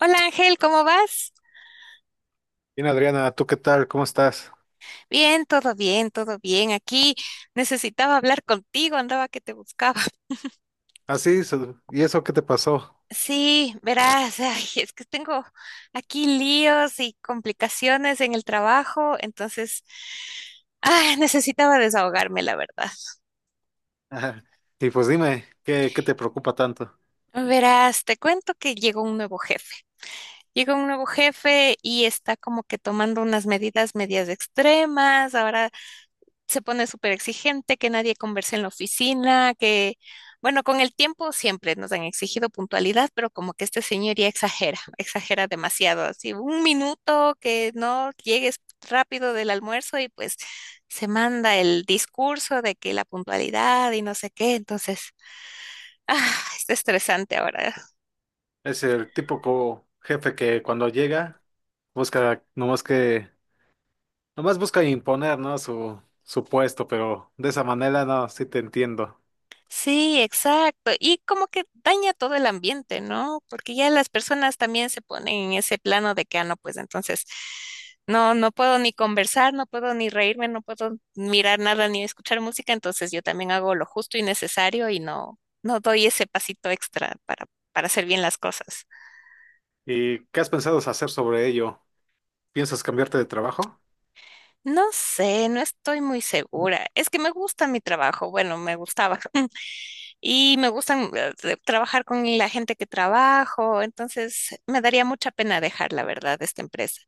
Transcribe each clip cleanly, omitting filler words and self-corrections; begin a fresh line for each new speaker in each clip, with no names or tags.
Hola Ángel, ¿cómo vas?
Bien, Adriana, ¿tú qué tal? ¿Cómo estás?
Bien, todo bien, todo bien. Aquí necesitaba hablar contigo, andaba que te buscaba.
Ah, sí, ¿y eso qué te pasó?
Sí, verás, ay, es que tengo aquí líos y complicaciones en el trabajo, entonces ay, necesitaba desahogarme, la verdad.
Ajá. Y pues dime, ¿qué te preocupa tanto?
Verás, te cuento que llegó un nuevo jefe. Llegó un nuevo jefe y está como que tomando unas medidas medias extremas. Ahora se pone súper exigente, que nadie converse en la oficina, que, bueno, con el tiempo siempre nos han exigido puntualidad, pero como que este señor ya exagera, exagera demasiado, así un minuto que no llegues rápido del almuerzo y pues se manda el discurso de que la puntualidad y no sé qué, entonces, ah, está estresante ahora.
Es el típico jefe que cuando llega busca, nomás busca imponer, ¿no? Su puesto, pero de esa manera no, sí te entiendo.
Sí, exacto. Y como que daña todo el ambiente, ¿no? Porque ya las personas también se ponen en ese plano de que, ah, no, pues entonces no puedo ni conversar, no puedo ni reírme, no puedo mirar nada ni escuchar música, entonces yo también hago lo justo y necesario y no doy ese pasito extra para hacer bien las cosas.
¿Y qué has pensado hacer sobre ello? ¿Piensas cambiarte de trabajo?
No sé, no estoy muy segura. Es que me gusta mi trabajo, bueno, me gustaba. Y me gustan trabajar con la gente que trabajo, entonces me daría mucha pena dejar, la verdad, esta empresa.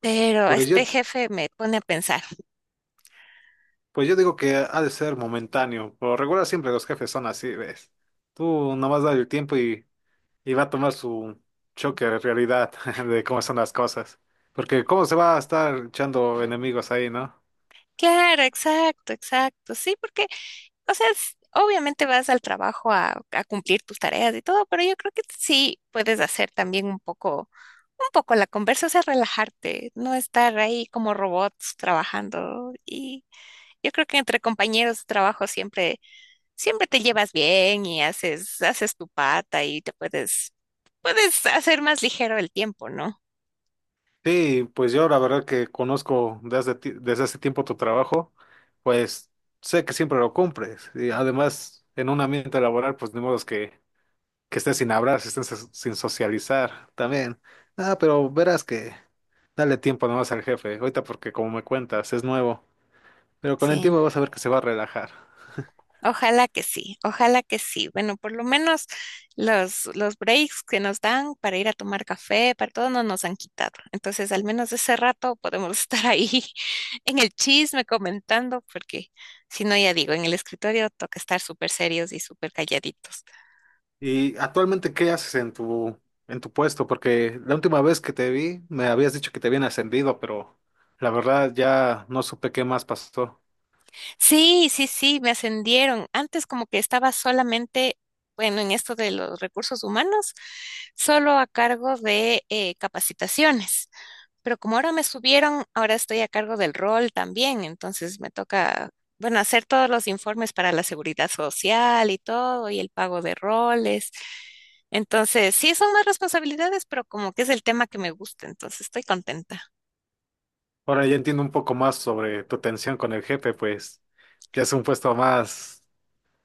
Pero
Pues
este
yo,
jefe me pone a pensar.
pues yo digo que ha de ser momentáneo. Por lo regular siempre los jefes son así, ¿ves? Tú nomás da el tiempo y va a tomar su choque de realidad de cómo son las cosas. Porque cómo se va a estar echando enemigos ahí, ¿no?
Claro, exacto, exacto, sí, porque, o sea, obviamente vas al trabajo a cumplir tus tareas y todo, pero yo creo que sí puedes hacer también un poco la conversa, o sea, relajarte, no estar ahí como robots trabajando. Y yo creo que entre compañeros de trabajo siempre te llevas bien y haces, haces tu pata y te puedes, puedes hacer más ligero el tiempo, ¿no?
Sí, pues yo la verdad que conozco desde hace tiempo tu trabajo, pues sé que siempre lo cumples. Y además, en un ambiente laboral, pues ni modo es que estés sin hablar, si estés sin socializar también. Ah, pero verás que dale tiempo nomás al jefe, ahorita porque como me cuentas, es nuevo. Pero con el
Sí,
tiempo vas a ver que se va a relajar.
ojalá que sí, ojalá que sí. Bueno, por lo menos los breaks que nos dan para ir a tomar café, para todo, no nos han quitado. Entonces, al menos ese rato podemos estar ahí en el chisme comentando, porque si no, ya digo, en el escritorio toca estar súper serios y súper calladitos.
¿Y actualmente qué haces en tu puesto? Porque la última vez que te vi me habías dicho que te habían ascendido, pero la verdad ya no supe qué más pasó.
Sí, sí, sí, me ascendieron. Antes como que estaba solamente, bueno, en esto de los recursos humanos, solo a cargo de capacitaciones. Pero como ahora me subieron, ahora estoy a cargo del rol también. Entonces me toca, bueno, hacer todos los informes para la seguridad social y todo, y el pago de roles. Entonces, sí, son más responsabilidades, pero como que es el tema que me gusta, entonces estoy contenta.
Ahora ya entiendo un poco más sobre tu tensión con el jefe, pues ya es un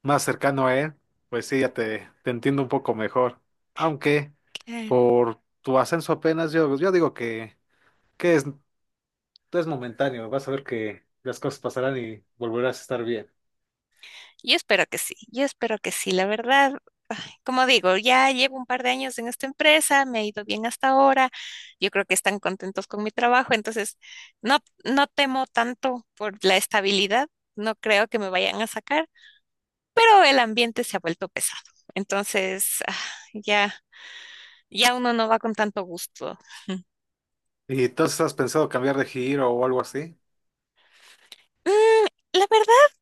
más cercano a él, pues sí, te entiendo un poco mejor. Aunque
Claro.
por tu ascenso apenas yo digo que es momentáneo, vas a ver que las cosas pasarán y volverás a estar bien.
Yo espero que sí, yo espero que sí, la verdad. Como digo, ya llevo un par de años en esta empresa, me ha ido bien hasta ahora, yo creo que están contentos con mi trabajo, entonces no temo tanto por la estabilidad, no creo que me vayan a sacar, pero el ambiente se ha vuelto pesado, entonces ya, ya uno no va con tanto gusto.
¿Y entonces has pensado cambiar de giro o algo así?
Mm, la verdad,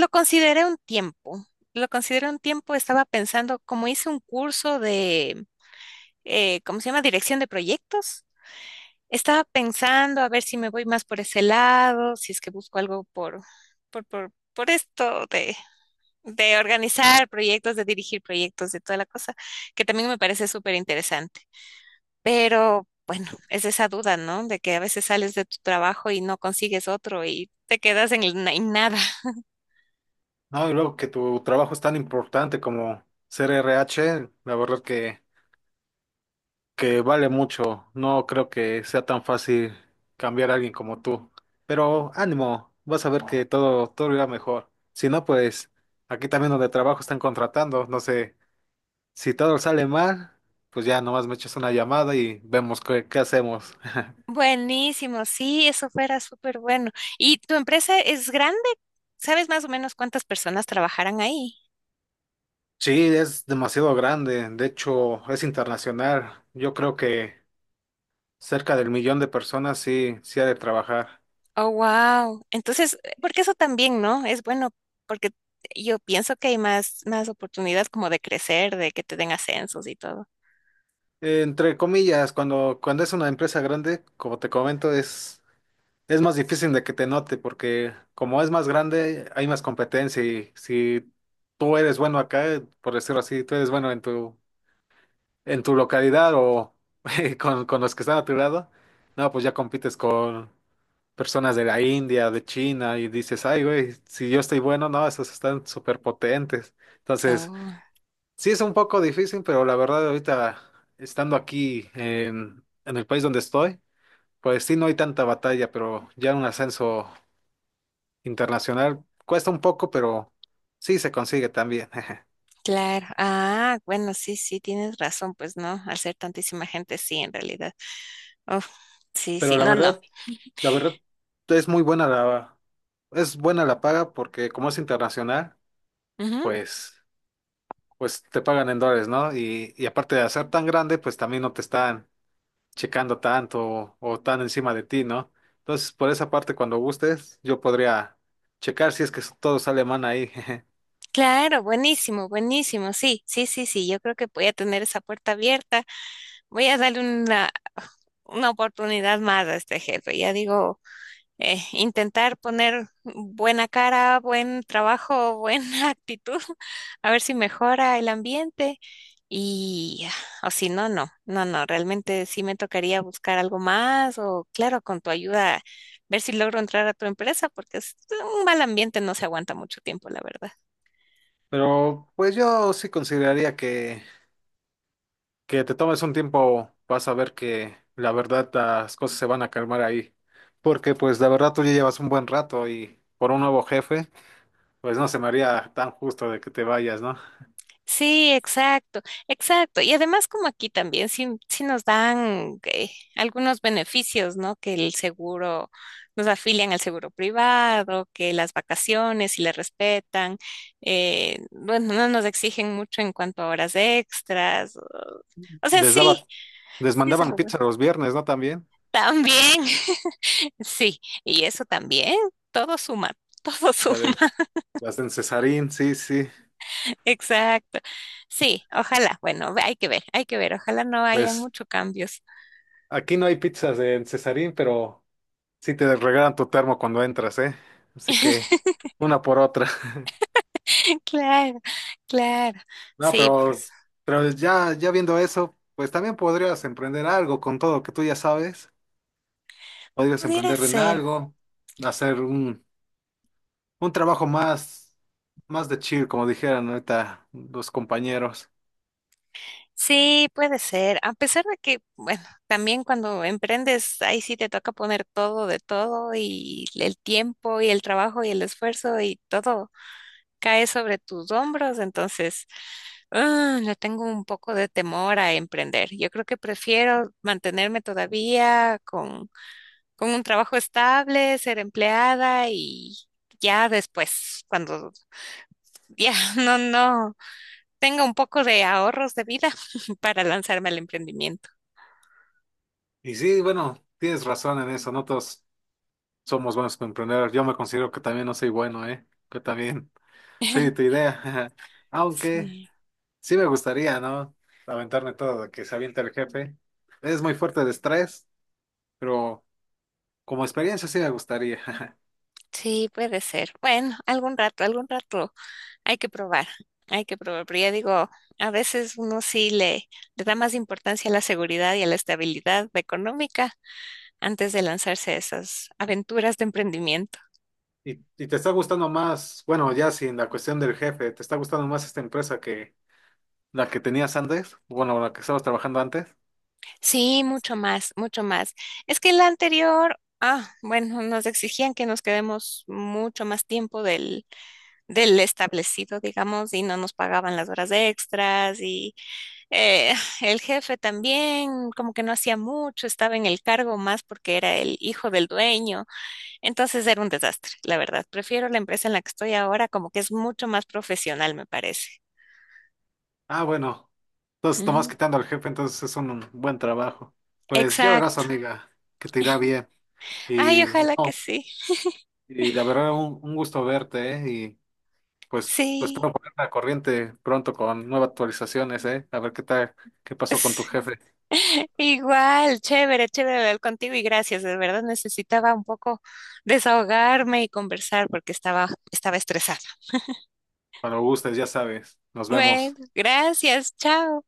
lo consideré un tiempo, lo consideré un tiempo, estaba pensando, como hice un curso de, ¿cómo se llama? Dirección de proyectos. Estaba pensando a ver si me voy más por ese lado, si es que busco algo por esto de organizar proyectos, de dirigir proyectos, de toda la cosa, que también me parece súper interesante. Pero bueno, es esa duda, ¿no? De que a veces sales de tu trabajo y no consigues otro y te quedas en, en nada.
No, y luego que tu trabajo es tan importante como ser RH, la verdad que vale mucho. No creo que sea tan fácil cambiar a alguien como tú. Pero ánimo, vas a ver que todo irá mejor. Si no, pues aquí también donde trabajo están contratando. No sé, si todo sale mal, pues ya nomás me echas una llamada y vemos qué hacemos.
Buenísimo, sí, eso fuera súper bueno. ¿Y tu empresa es grande? ¿Sabes más o menos cuántas personas trabajarán ahí?
Sí, es demasiado grande. De hecho, es internacional. Yo creo que... Cerca del millón de personas sí, sí ha de trabajar.
Oh, wow. Entonces, porque eso también, ¿no? Es bueno, porque yo pienso que hay más, más oportunidad como de crecer, de que te den ascensos y todo.
Entre comillas, cuando es una empresa grande, como te comento, es más difícil de que te note porque como es más grande, hay más competencia y si tú eres bueno acá, por decirlo así, tú eres bueno en tu localidad o con los que están a tu lado, no, pues ya compites con personas de la India, de China y dices, ay, güey, si yo estoy bueno, no, esos están súper potentes. Entonces...
Oh,
Sí, es un poco difícil, pero la verdad ahorita estando aquí en el país donde estoy, pues sí, no hay tanta batalla, pero ya un ascenso internacional cuesta un poco, pero sí se consigue también.
claro. Ah, bueno, sí, sí, tienes razón, pues no, al ser tantísima gente, sí, en realidad. Oh, sí,
Pero
sí, no, no.
la verdad es muy buena es buena la paga porque como es internacional,
Ujú.
pues, pues te pagan en dólares, ¿no? Y aparte de ser tan grande, pues también no te están checando tanto o tan encima de ti, ¿no? Entonces, por esa parte, cuando gustes, yo podría checar si es que todo sale mal ahí. jeje.
Claro, buenísimo, buenísimo. Sí, sí, sí, sí. Yo creo que voy a tener esa puerta abierta. Voy a darle una oportunidad más a este jefe. Ya digo, intentar poner buena cara, buen trabajo, buena actitud, a ver si mejora el ambiente. Y, o si no, no, no, no, realmente sí me tocaría buscar algo más o, claro, con tu ayuda, ver si logro entrar a tu empresa, porque es un mal ambiente, no se aguanta mucho tiempo, la verdad.
Pero pues yo sí consideraría que te tomes un tiempo, vas a ver que la verdad las cosas se van a calmar ahí. Porque pues la verdad tú ya llevas un buen rato y por un nuevo jefe, pues no se me haría tan justo de que te vayas, ¿no?
Sí, exacto, exacto. Y además como aquí también sí, sí nos dan algunos beneficios, ¿no? Que el seguro, nos afilian al seguro privado, que las vacaciones si le respetan, bueno, no nos exigen mucho en cuanto a horas extras. O sea,
Les daba,
sí,
les
sí es
mandaban
algo bueno.
pizza los viernes, ¿no? También,
También, sí, y eso también, todo suma, todo suma.
la de- las de Cesarín, sí, sí.
Exacto. Sí, ojalá. Bueno, hay que ver, hay que ver. Ojalá no haya
Pues
muchos cambios.
aquí no hay pizzas en Cesarín, pero sí te regalan tu termo cuando entras, ¿eh? Así que una por otra.
Claro, claro.
No,
Sí, pues
pero ya viendo eso, pues también podrías emprender algo con todo lo que tú ya sabes. Podrías
pudiera
emprender en
ser.
algo, hacer un trabajo más de chill, como dijeran ahorita los compañeros.
Sí, puede ser. A pesar de que, bueno, también cuando emprendes, ahí sí te toca poner todo de todo y el tiempo y el trabajo y el esfuerzo y todo cae sobre tus hombros. Entonces, ah, le tengo un poco de temor a emprender. Yo creo que prefiero mantenerme todavía con un trabajo estable, ser empleada y ya después, cuando ya no tenga un poco de ahorros de vida para lanzarme al emprendimiento.
Y sí, bueno, tienes razón en eso. Nosotros somos buenos para emprender. Yo me considero que también no soy bueno, ¿eh? Que también soy de tu idea. Aunque,
Sí,
sí me gustaría, ¿no? Aventarme todo lo que se avienta el jefe. Es muy fuerte de estrés, pero como experiencia sí me gustaría.
sí, puede ser. Bueno, algún rato hay que probar, hay que probar. Pero ya digo, a veces uno le da más importancia a la seguridad y a la estabilidad económica antes de lanzarse a esas aventuras de emprendimiento.
¿Y, y te está gustando más, bueno, ya sin la cuestión del jefe, te está gustando más esta empresa que la que tenías antes? Bueno, la que estabas trabajando antes.
Sí, mucho más, mucho más. Es que la anterior, ah, bueno, nos exigían que nos quedemos mucho más tiempo del establecido, digamos, y no nos pagaban las horas extras y eh, el jefe también como que no hacía mucho, estaba en el cargo más porque era el hijo del dueño. Entonces era un desastre, la verdad. Prefiero la empresa en la que estoy ahora, como que es mucho más profesional, me parece.
Ah, bueno, entonces tomás
Ujú.
quitando al jefe, entonces es un buen trabajo. Pues ya verás,
Exacto.
amiga, que te irá bien.
Ay,
Y
ojalá que
no,
sí.
y la verdad, un gusto verte, ¿eh? Pues, pues
Sí.
espero ponerte la corriente pronto con nuevas actualizaciones, ¿eh? A ver qué tal, qué pasó con tu jefe.
Igual, chévere, chévere hablar contigo y gracias. De verdad necesitaba un poco desahogarme y conversar porque estaba, estaba estresada.
Cuando gustes, ya sabes. Nos vemos.
Bueno, gracias, chao.